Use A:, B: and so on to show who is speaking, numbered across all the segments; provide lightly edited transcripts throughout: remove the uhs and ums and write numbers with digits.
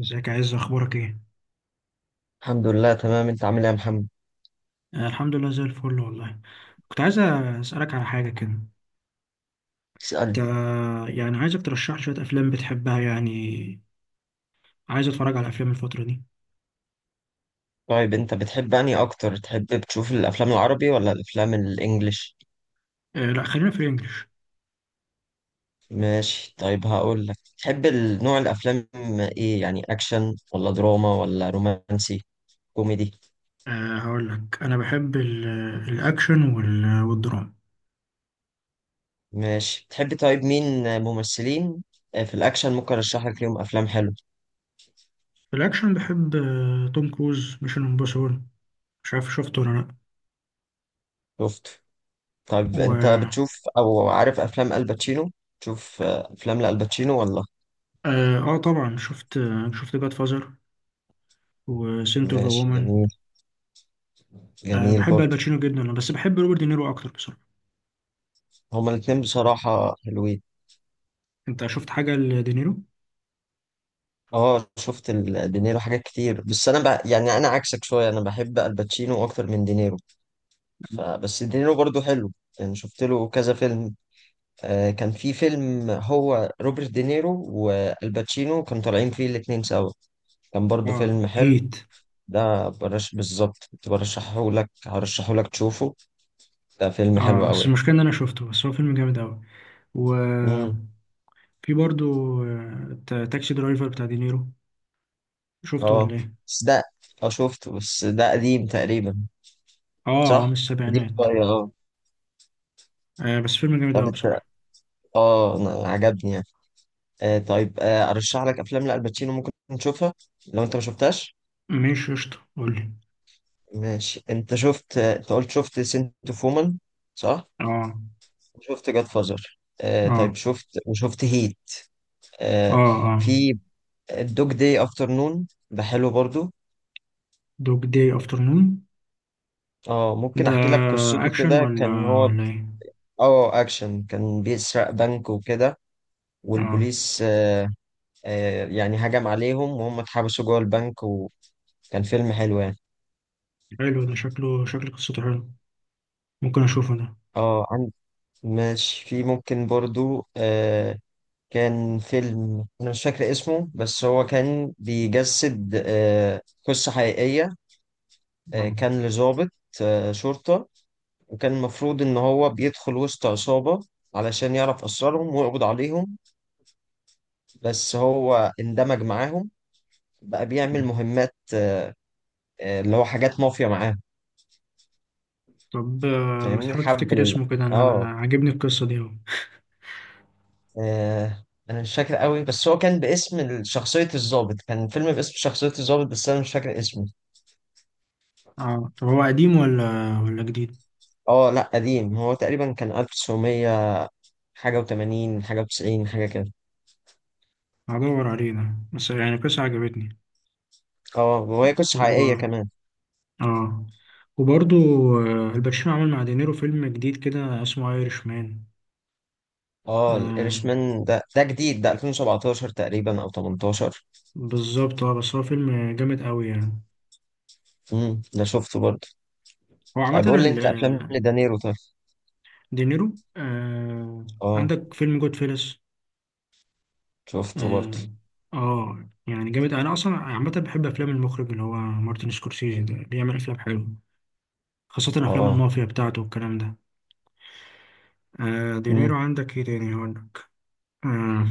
A: ازيك يا عز، اخبارك ايه؟
B: الحمد لله تمام، انت عامل ايه يا محمد؟
A: الحمد لله زي الفل والله. كنت عايز اسالك على حاجه كده. انت
B: اسألني.
A: يعني عايزك ترشح لي شويه افلام بتحبها، يعني عايز اتفرج على افلام الفتره دي.
B: طيب انت بتحب انهي اكتر، تحب تشوف الافلام العربي ولا الافلام الانجليش؟
A: لا، خلينا في الانجليش.
B: ماشي، طيب هقول لك. تحب نوع الافلام ايه؟ يعني اكشن ولا دراما ولا رومانسي كوميدي؟
A: هقول لك انا بحب الاكشن والدراما.
B: ماشي، تحب طيب مين ممثلين؟ في الاكشن ممكن ارشح لك ليهم افلام حلوه.
A: في الاكشن بحب توم كروز، ميشن امبوسيبل. مش عارف شفته ولا لا.
B: شفته؟ طيب انت
A: و
B: بتشوف او عارف افلام الباتشينو؟ تشوف افلام لالباتشينو ولا؟
A: اه، طبعا شفت، شفت جاد فازر وسنت اوف
B: ماشي،
A: وومن.
B: جميل. جميل
A: بحب
B: برضه.
A: الباتشينو جدا بس بحب روبرت دينيرو اكتر بصراحه.
B: هما الاتنين بصراحة حلوين.
A: انت شفت حاجه لدينيرو؟
B: اه شفت دينيرو حاجات كتير، بس انا يعني انا عكسك شويه، انا بحب الباتشينو اكتر من دينيرو. فبس دينيرو برضو حلو، يعني شفت له كذا فيلم. كان في فيلم هو روبرت دينيرو والباتشينو كانوا طالعين فيه الاتنين سوا، كان برضو
A: اه،
B: فيلم حلو.
A: هيت.
B: ده برش بالظبط كنت برشحه لك، هرشحه لك تشوفه، ده فيلم حلو
A: اه
B: قوي.
A: بس المشكله ان انا شفته، بس هو فيلم جامد قوي.
B: امم
A: وفي برضو، تاكسي درايفر بتاع دينيرو، شفته ولا
B: اه
A: ايه؟
B: بس ده، اه شفته بس ده قديم تقريبا.
A: اه،
B: صح،
A: هو من
B: قديم
A: السبعينات.
B: شويه اه.
A: بس فيلم جامد
B: طب
A: قوي
B: انت،
A: بصراحه.
B: اه أنا عجبني. طيب ارشح لك افلام لالباتشينو، ممكن تشوفها لو انت ما شفتهاش.
A: ماشي، قشطه، قول لي.
B: ماشي، انت شفت انت قلت شفت سنت اوف وومن صح،
A: اه،
B: وشفت جاد فازر،
A: اه،
B: طيب شفت، وشفت هيت.
A: اه،
B: آه
A: اه،
B: في الدوج داي افتر نون ده حلو برضو.
A: دوج داي افترنون
B: اه ممكن
A: ده
B: احكي لك قصته
A: اكشن
B: كده.
A: ولا
B: كان هو،
A: ولا ايه؟
B: اه اكشن، كان بيسرق بنك وكده،
A: اه،
B: والبوليس يعني هجم عليهم، وهم اتحبسوا جوه البنك، وكان فيلم حلو يعني.
A: حلو، ده شكله شكل قصته حلو، ممكن اشوفه ده.
B: اه ماشي. في ممكن برضو، كان فيلم أنا مش فاكر اسمه، بس هو كان بيجسد قصة حقيقية.
A: آه.
B: كان لضابط شرطة، وكان المفروض إن هو بيدخل وسط عصابة علشان يعرف أسرارهم ويقبض عليهم، بس هو اندمج معاهم، بقى بيعمل مهمات اللي هو حاجات مافيا معاهم.
A: طب ما
B: فاهمني
A: تحاول
B: حب
A: تفتكر اسمه كده، أنا
B: اه،
A: عاجبني القصه دي أوي.
B: انا مش فاكر قوي، بس هو كان باسم شخصية الضابط، كان فيلم باسم شخصية الضابط، بس انا مش فاكر اسمه.
A: اه، طب هو قديم ولا جديد؟
B: اه لا قديم، هو تقريبا كان 1900 حاجة و80 حاجة و90 حاجة كده.
A: هدور عليه ده، بس يعني قصة عجبتني.
B: اه وهي قصة حقيقية
A: و...
B: كمان.
A: اه. وبرضو الباتشينو عمل مع دينيرو فيلم جديد كده اسمه ايرش مان.
B: اه
A: آه
B: الإيرشمان ده جديد، ده 2017 تقريبا او 18.
A: بالظبط. اه بس هو فيلم جامد قوي يعني.
B: ده شفته برضه.
A: هو عامة
B: بيقول لي انت افلام لدانيرو طيب.
A: دينيرو.
B: اه
A: عندك فيلم جود فيلس.
B: شفته برضه.
A: اه، يعني جامد. انا اصلا عامة بحب افلام المخرج اللي هو مارتن سكورسيزي، ده بيعمل افلام حلوة خاصة افلام
B: اه.
A: المافيا بتاعته والكلام ده. دينيرو،
B: امم،
A: عندك ايه تاني هقول لك. آه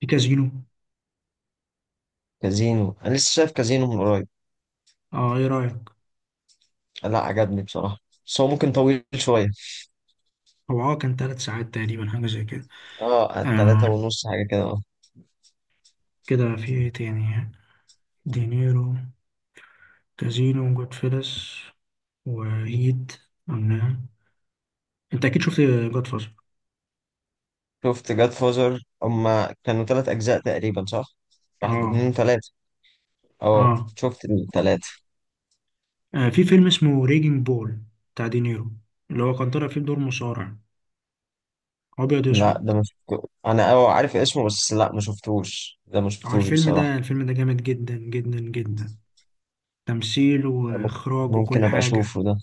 A: في كازينو.
B: كازينو انا لسه شايف كازينو من قريب.
A: اه، ايه رأيك؟
B: لا عجبني بصراحة، بس هو ممكن طويل شوية.
A: هو كان 3 ساعات تقريبا، حاجة زي كده.
B: اه تلاتة
A: آه
B: ونص حاجة كده اه.
A: كده، في ايه تاني؟ دينيرو، كازينو، جود فيلس، وهيد، قلنا. انت اكيد شفت جود فازر.
B: شفت جاد فازر، هما كانوا تلات أجزاء تقريبا صح؟ واحد
A: اه،
B: اتنين تلاتة. اه
A: اه.
B: شفت التلاتة.
A: في فيلم اسمه ريجينج بول بتاع دينيرو، اللي هو كان طالع فيه بدور مصارع ابيض
B: لا
A: واسود.
B: ده ما شفته أنا، اه عارف اسمه بس لا ما شفتوش، ده ما
A: هو
B: شفتوش
A: الفيلم
B: بصراحة.
A: ده جامد جدا جدا جدا، تمثيل
B: ده
A: واخراج
B: ممكن
A: وكل
B: أبقى
A: حاجة.
B: أشوفه ده.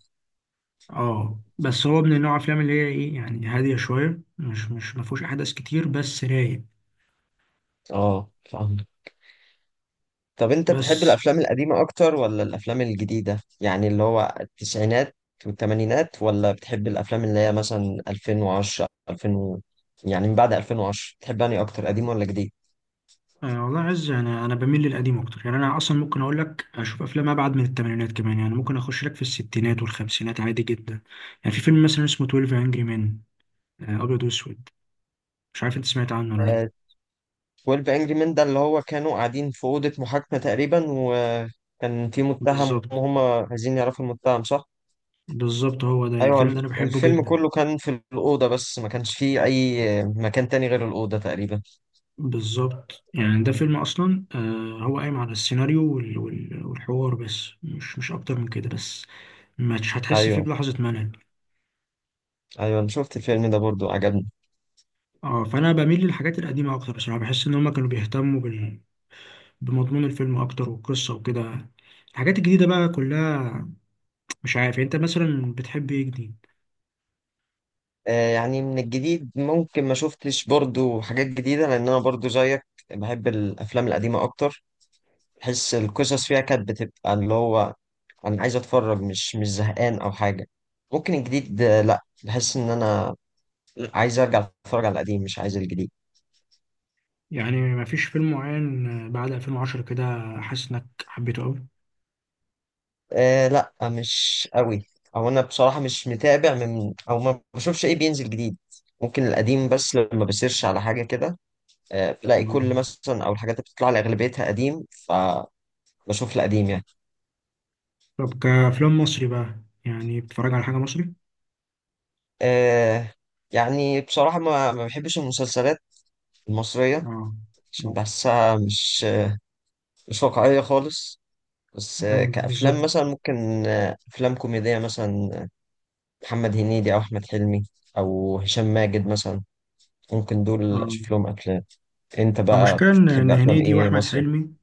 A: اه بس هو من النوع افلام اللي هي ايه يعني، هاديه شويه، مش ما فيهوش احداث كتير بس رايق.
B: اه فاهم. طب أنت
A: بس،
B: بتحب الأفلام القديمة أكتر ولا الأفلام الجديدة؟ يعني اللي هو التسعينات والتمانينات، ولا بتحب الأفلام اللي هي مثلا 2010 2000 يعني من بعد 2010 بتحب أنهي أكتر، قديم ولا جديد؟
A: والله يا عز، انا بميل للقديم اكتر. يعني انا اصلا ممكن اقول لك اشوف افلام ابعد من الثمانينات كمان، يعني ممكن اخش لك في الستينات والخمسينات عادي جدا. يعني في فيلم مثلا اسمه 12 انجري مان، ابيض واسود، مش عارف انت سمعت عنه ولا لا.
B: 12 انجري مان ده اللي هو كانوا قاعدين في اوضه محاكمه تقريبا، وكان في متهم
A: بالظبط،
B: وهم عايزين يعرفوا المتهم، صح.
A: بالظبط، هو ده، يعني
B: ايوه
A: الفيلم ده انا بحبه
B: الفيلم
A: جدا.
B: كله كان في الاوضه، بس ما كانش فيه اي مكان تاني غير الاوضه تقريبا.
A: بالظبط، يعني ده فيلم اصلا هو قايم على السيناريو والحوار، بس مش اكتر من كده، بس مش هتحس فيه
B: ايوه،
A: بلحظة ملل.
B: ايوه انا شفت الفيلم ده برضو، عجبني.
A: اه، فأنا بميل للحاجات القديمة أكتر بصراحة، بحس إن هما كانوا بيهتموا بمضمون الفيلم أكتر والقصة وكده. الحاجات الجديدة بقى كلها، مش عارف، يعني أنت مثلا بتحب إيه جديد؟
B: يعني من الجديد ممكن ما شفتش برضو حاجات جديده، لان انا برضو زيك بحب الافلام القديمه اكتر. بحس القصص فيها كانت بتبقى اللي هو، انا عايز اتفرج مش زهقان او حاجه. ممكن الجديد لا بحس ان انا عايز ارجع اتفرج على القديم، مش عايز الجديد.
A: يعني مفيش فيلم معين بعد 2010 كده حاسس إنك حبيته أوي؟
B: لا مش قوي. او انا بصراحه مش متابع، من او ما بشوفش ايه بينزل جديد. ممكن القديم بس، لما بسيرش على حاجه كده بلاقي كل
A: آه.
B: مثلا او الحاجات اللي بتطلع لي اغلبيتها قديم، فبشوف القديم يعني.
A: طب كأفلام مصري بقى، يعني بتتفرج على حاجة مصري؟
B: آه يعني بصراحه ما بحبش المسلسلات المصريه،
A: اه،
B: عشان
A: اه،
B: بحسها مش واقعيه خالص. بس كأفلام
A: بالظبط.
B: مثلا ممكن، أفلام كوميدية مثلا محمد هنيدي او احمد حلمي او هشام ماجد مثلا، ممكن دول
A: اه.
B: اشوف لهم افلام. انت بقى
A: المشكلة إن
B: بتحب
A: إن
B: افلام
A: هنيدي
B: ايه
A: وأحمد
B: مصري؟
A: حلمي،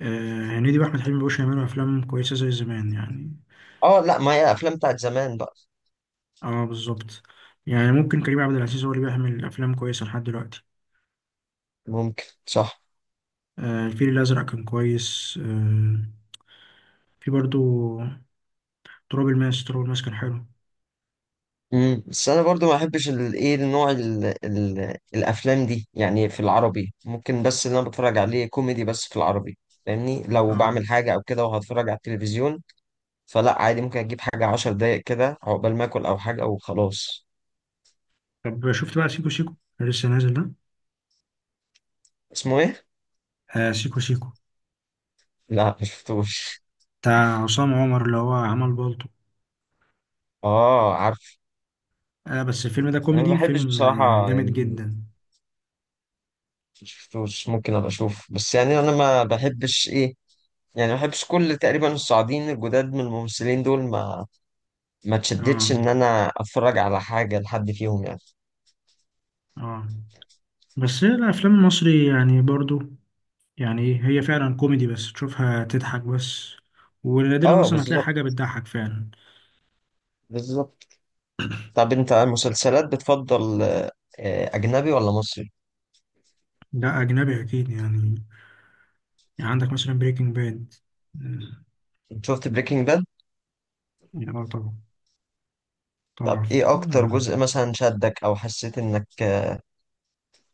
A: هنيدي وأحمد حلمي مبقوش يعملوا أفلام كويسة زي زمان يعني.
B: اه لا، ما هي الافلام بتاعت زمان بقى.
A: اه، بالظبط. يعني ممكن كريم عبد العزيز هو اللي بيعمل افلام كويسه لحد دلوقتي.
B: ممكن، صح.
A: الفيل الازرق كان كويس. في برضو تراب الماس كان حلو.
B: بس انا برضو ما احبش الايه النوع ال الافلام دي يعني، في العربي ممكن، بس اللي انا بتفرج عليه كوميدي بس في العربي. فاهمني لو
A: اه،
B: بعمل حاجه او كده وهتفرج على التلفزيون، فلا عادي ممكن اجيب حاجه عشر دقايق كده عقبال ما اكل او حاجه وخلاص.
A: طب شفت بقى سيكو سيكو اللي لسه نازل ده؟
B: اسمه ايه؟
A: سيكو سيكو
B: لا مشفتوش.
A: بتاع عصام عمر اللي هو عمل بالطو.
B: اه عارف.
A: بس الفيلم ده
B: انا ما
A: كوميدي،
B: بحبش
A: فيلم
B: بصراحه
A: جامد
B: يعني،
A: جدا.
B: شفتوش ممكن ابقى اشوف، بس يعني انا ما بحبش ايه، يعني ما بحبش كل تقريبا الصاعدين الجداد من الممثلين دول، ما
A: اه،
B: اتشدتش ان انا اتفرج على حاجه لحد فيهم يعني.
A: اه. بس هي الافلام المصري يعني برضو، يعني إيه، هي فعلا كوميدي، بس تشوفها تضحك بس، ونادرا
B: اه
A: اصلا ما تلاقي
B: بالظبط،
A: حاجه بتضحك فعلا.
B: بالظبط. طب انت المسلسلات بتفضل اجنبي ولا مصري؟
A: ده أجنبي أكيد يعني. يعني عندك مثلا بريكنج باد.
B: شفت بريكنج باد؟
A: يعني طبعا،
B: طب
A: طبعا.
B: ايه اكتر
A: آه.
B: جزء مثلا شدك او حسيت انك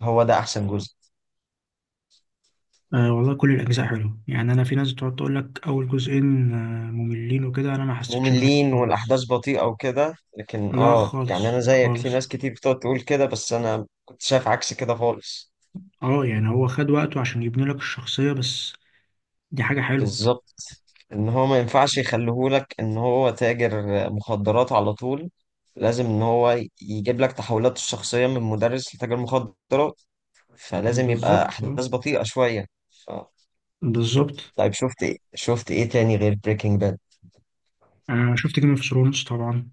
B: هو ده احسن جزء؟
A: والله كل الأجزاء حلوة، يعني أنا في ناس بتقعد تقول لك أول جزئين مملين وكده، أنا ما حسيتش بملل
B: مملين
A: خالص.
B: والاحداث بطيئه وكده، لكن
A: لا،
B: اه يعني
A: خالص
B: انا زيك، في
A: خالص.
B: ناس كتير بتقعد تقول كده، بس انا كنت شايف عكس كده خالص.
A: اه، يعني هو خد وقته عشان يبني لك الشخصية، بس دي حاجة حلوة.
B: بالظبط، ان هو ما ينفعش يخليهولك ان هو تاجر مخدرات على طول، لازم ان هو يجيب لك تحولاته الشخصيه من مدرس لتاجر مخدرات، فلازم يبقى
A: بالظبط، اه،
B: احداث بطيئه شويه. ف...
A: بالظبط.
B: طيب شفت ايه، شفت ايه تاني غير بريكنج باد؟
A: أنا شفت جيم اوف ثرونز طبعا،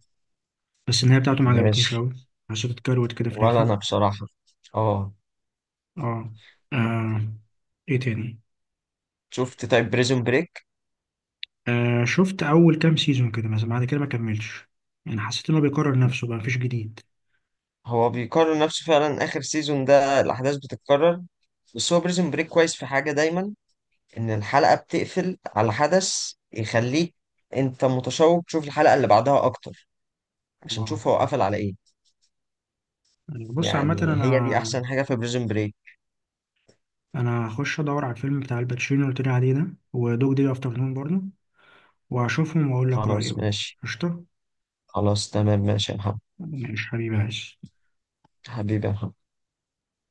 A: بس النهاية بتاعته ما عجبتنيش
B: ماشي.
A: أوي، حسيت اتكروت كده في
B: ولا
A: الآخر.
B: انا بصراحه، اه.
A: اه. آه، ايه تاني؟
B: شفت طيب بريزون بريك؟
A: شفت اول كام سيزون كده مثلا، بعد كده ما كملتش، يعني حسيت انه بيكرر نفسه بقى مفيش جديد.
B: هو بيقارن نفسه فعلا، اخر سيزون ده الاحداث بتتكرر، بس هو بريزون بريك كويس في حاجه دايما، ان الحلقه بتقفل على حدث يخليك انت متشوق تشوف الحلقه اللي بعدها اكتر، عشان
A: اه،
B: تشوف هو قفل على ايه.
A: بص عامة
B: يعني
A: انا
B: هي دي احسن حاجه في بريزون بريك.
A: انا هخش ادور على الفيلم بتاع الباتشينو اللي قلت لي عليه ده، ودوج دي افتر نون برضه، وهشوفهم واقول لك رأيي
B: خلاص
A: بقى.
B: ماشي.
A: قشطة.
B: خلاص تمام، ماشي يا محمد.
A: ماشي حبيبي، عايز
B: حبيبي يا محمد.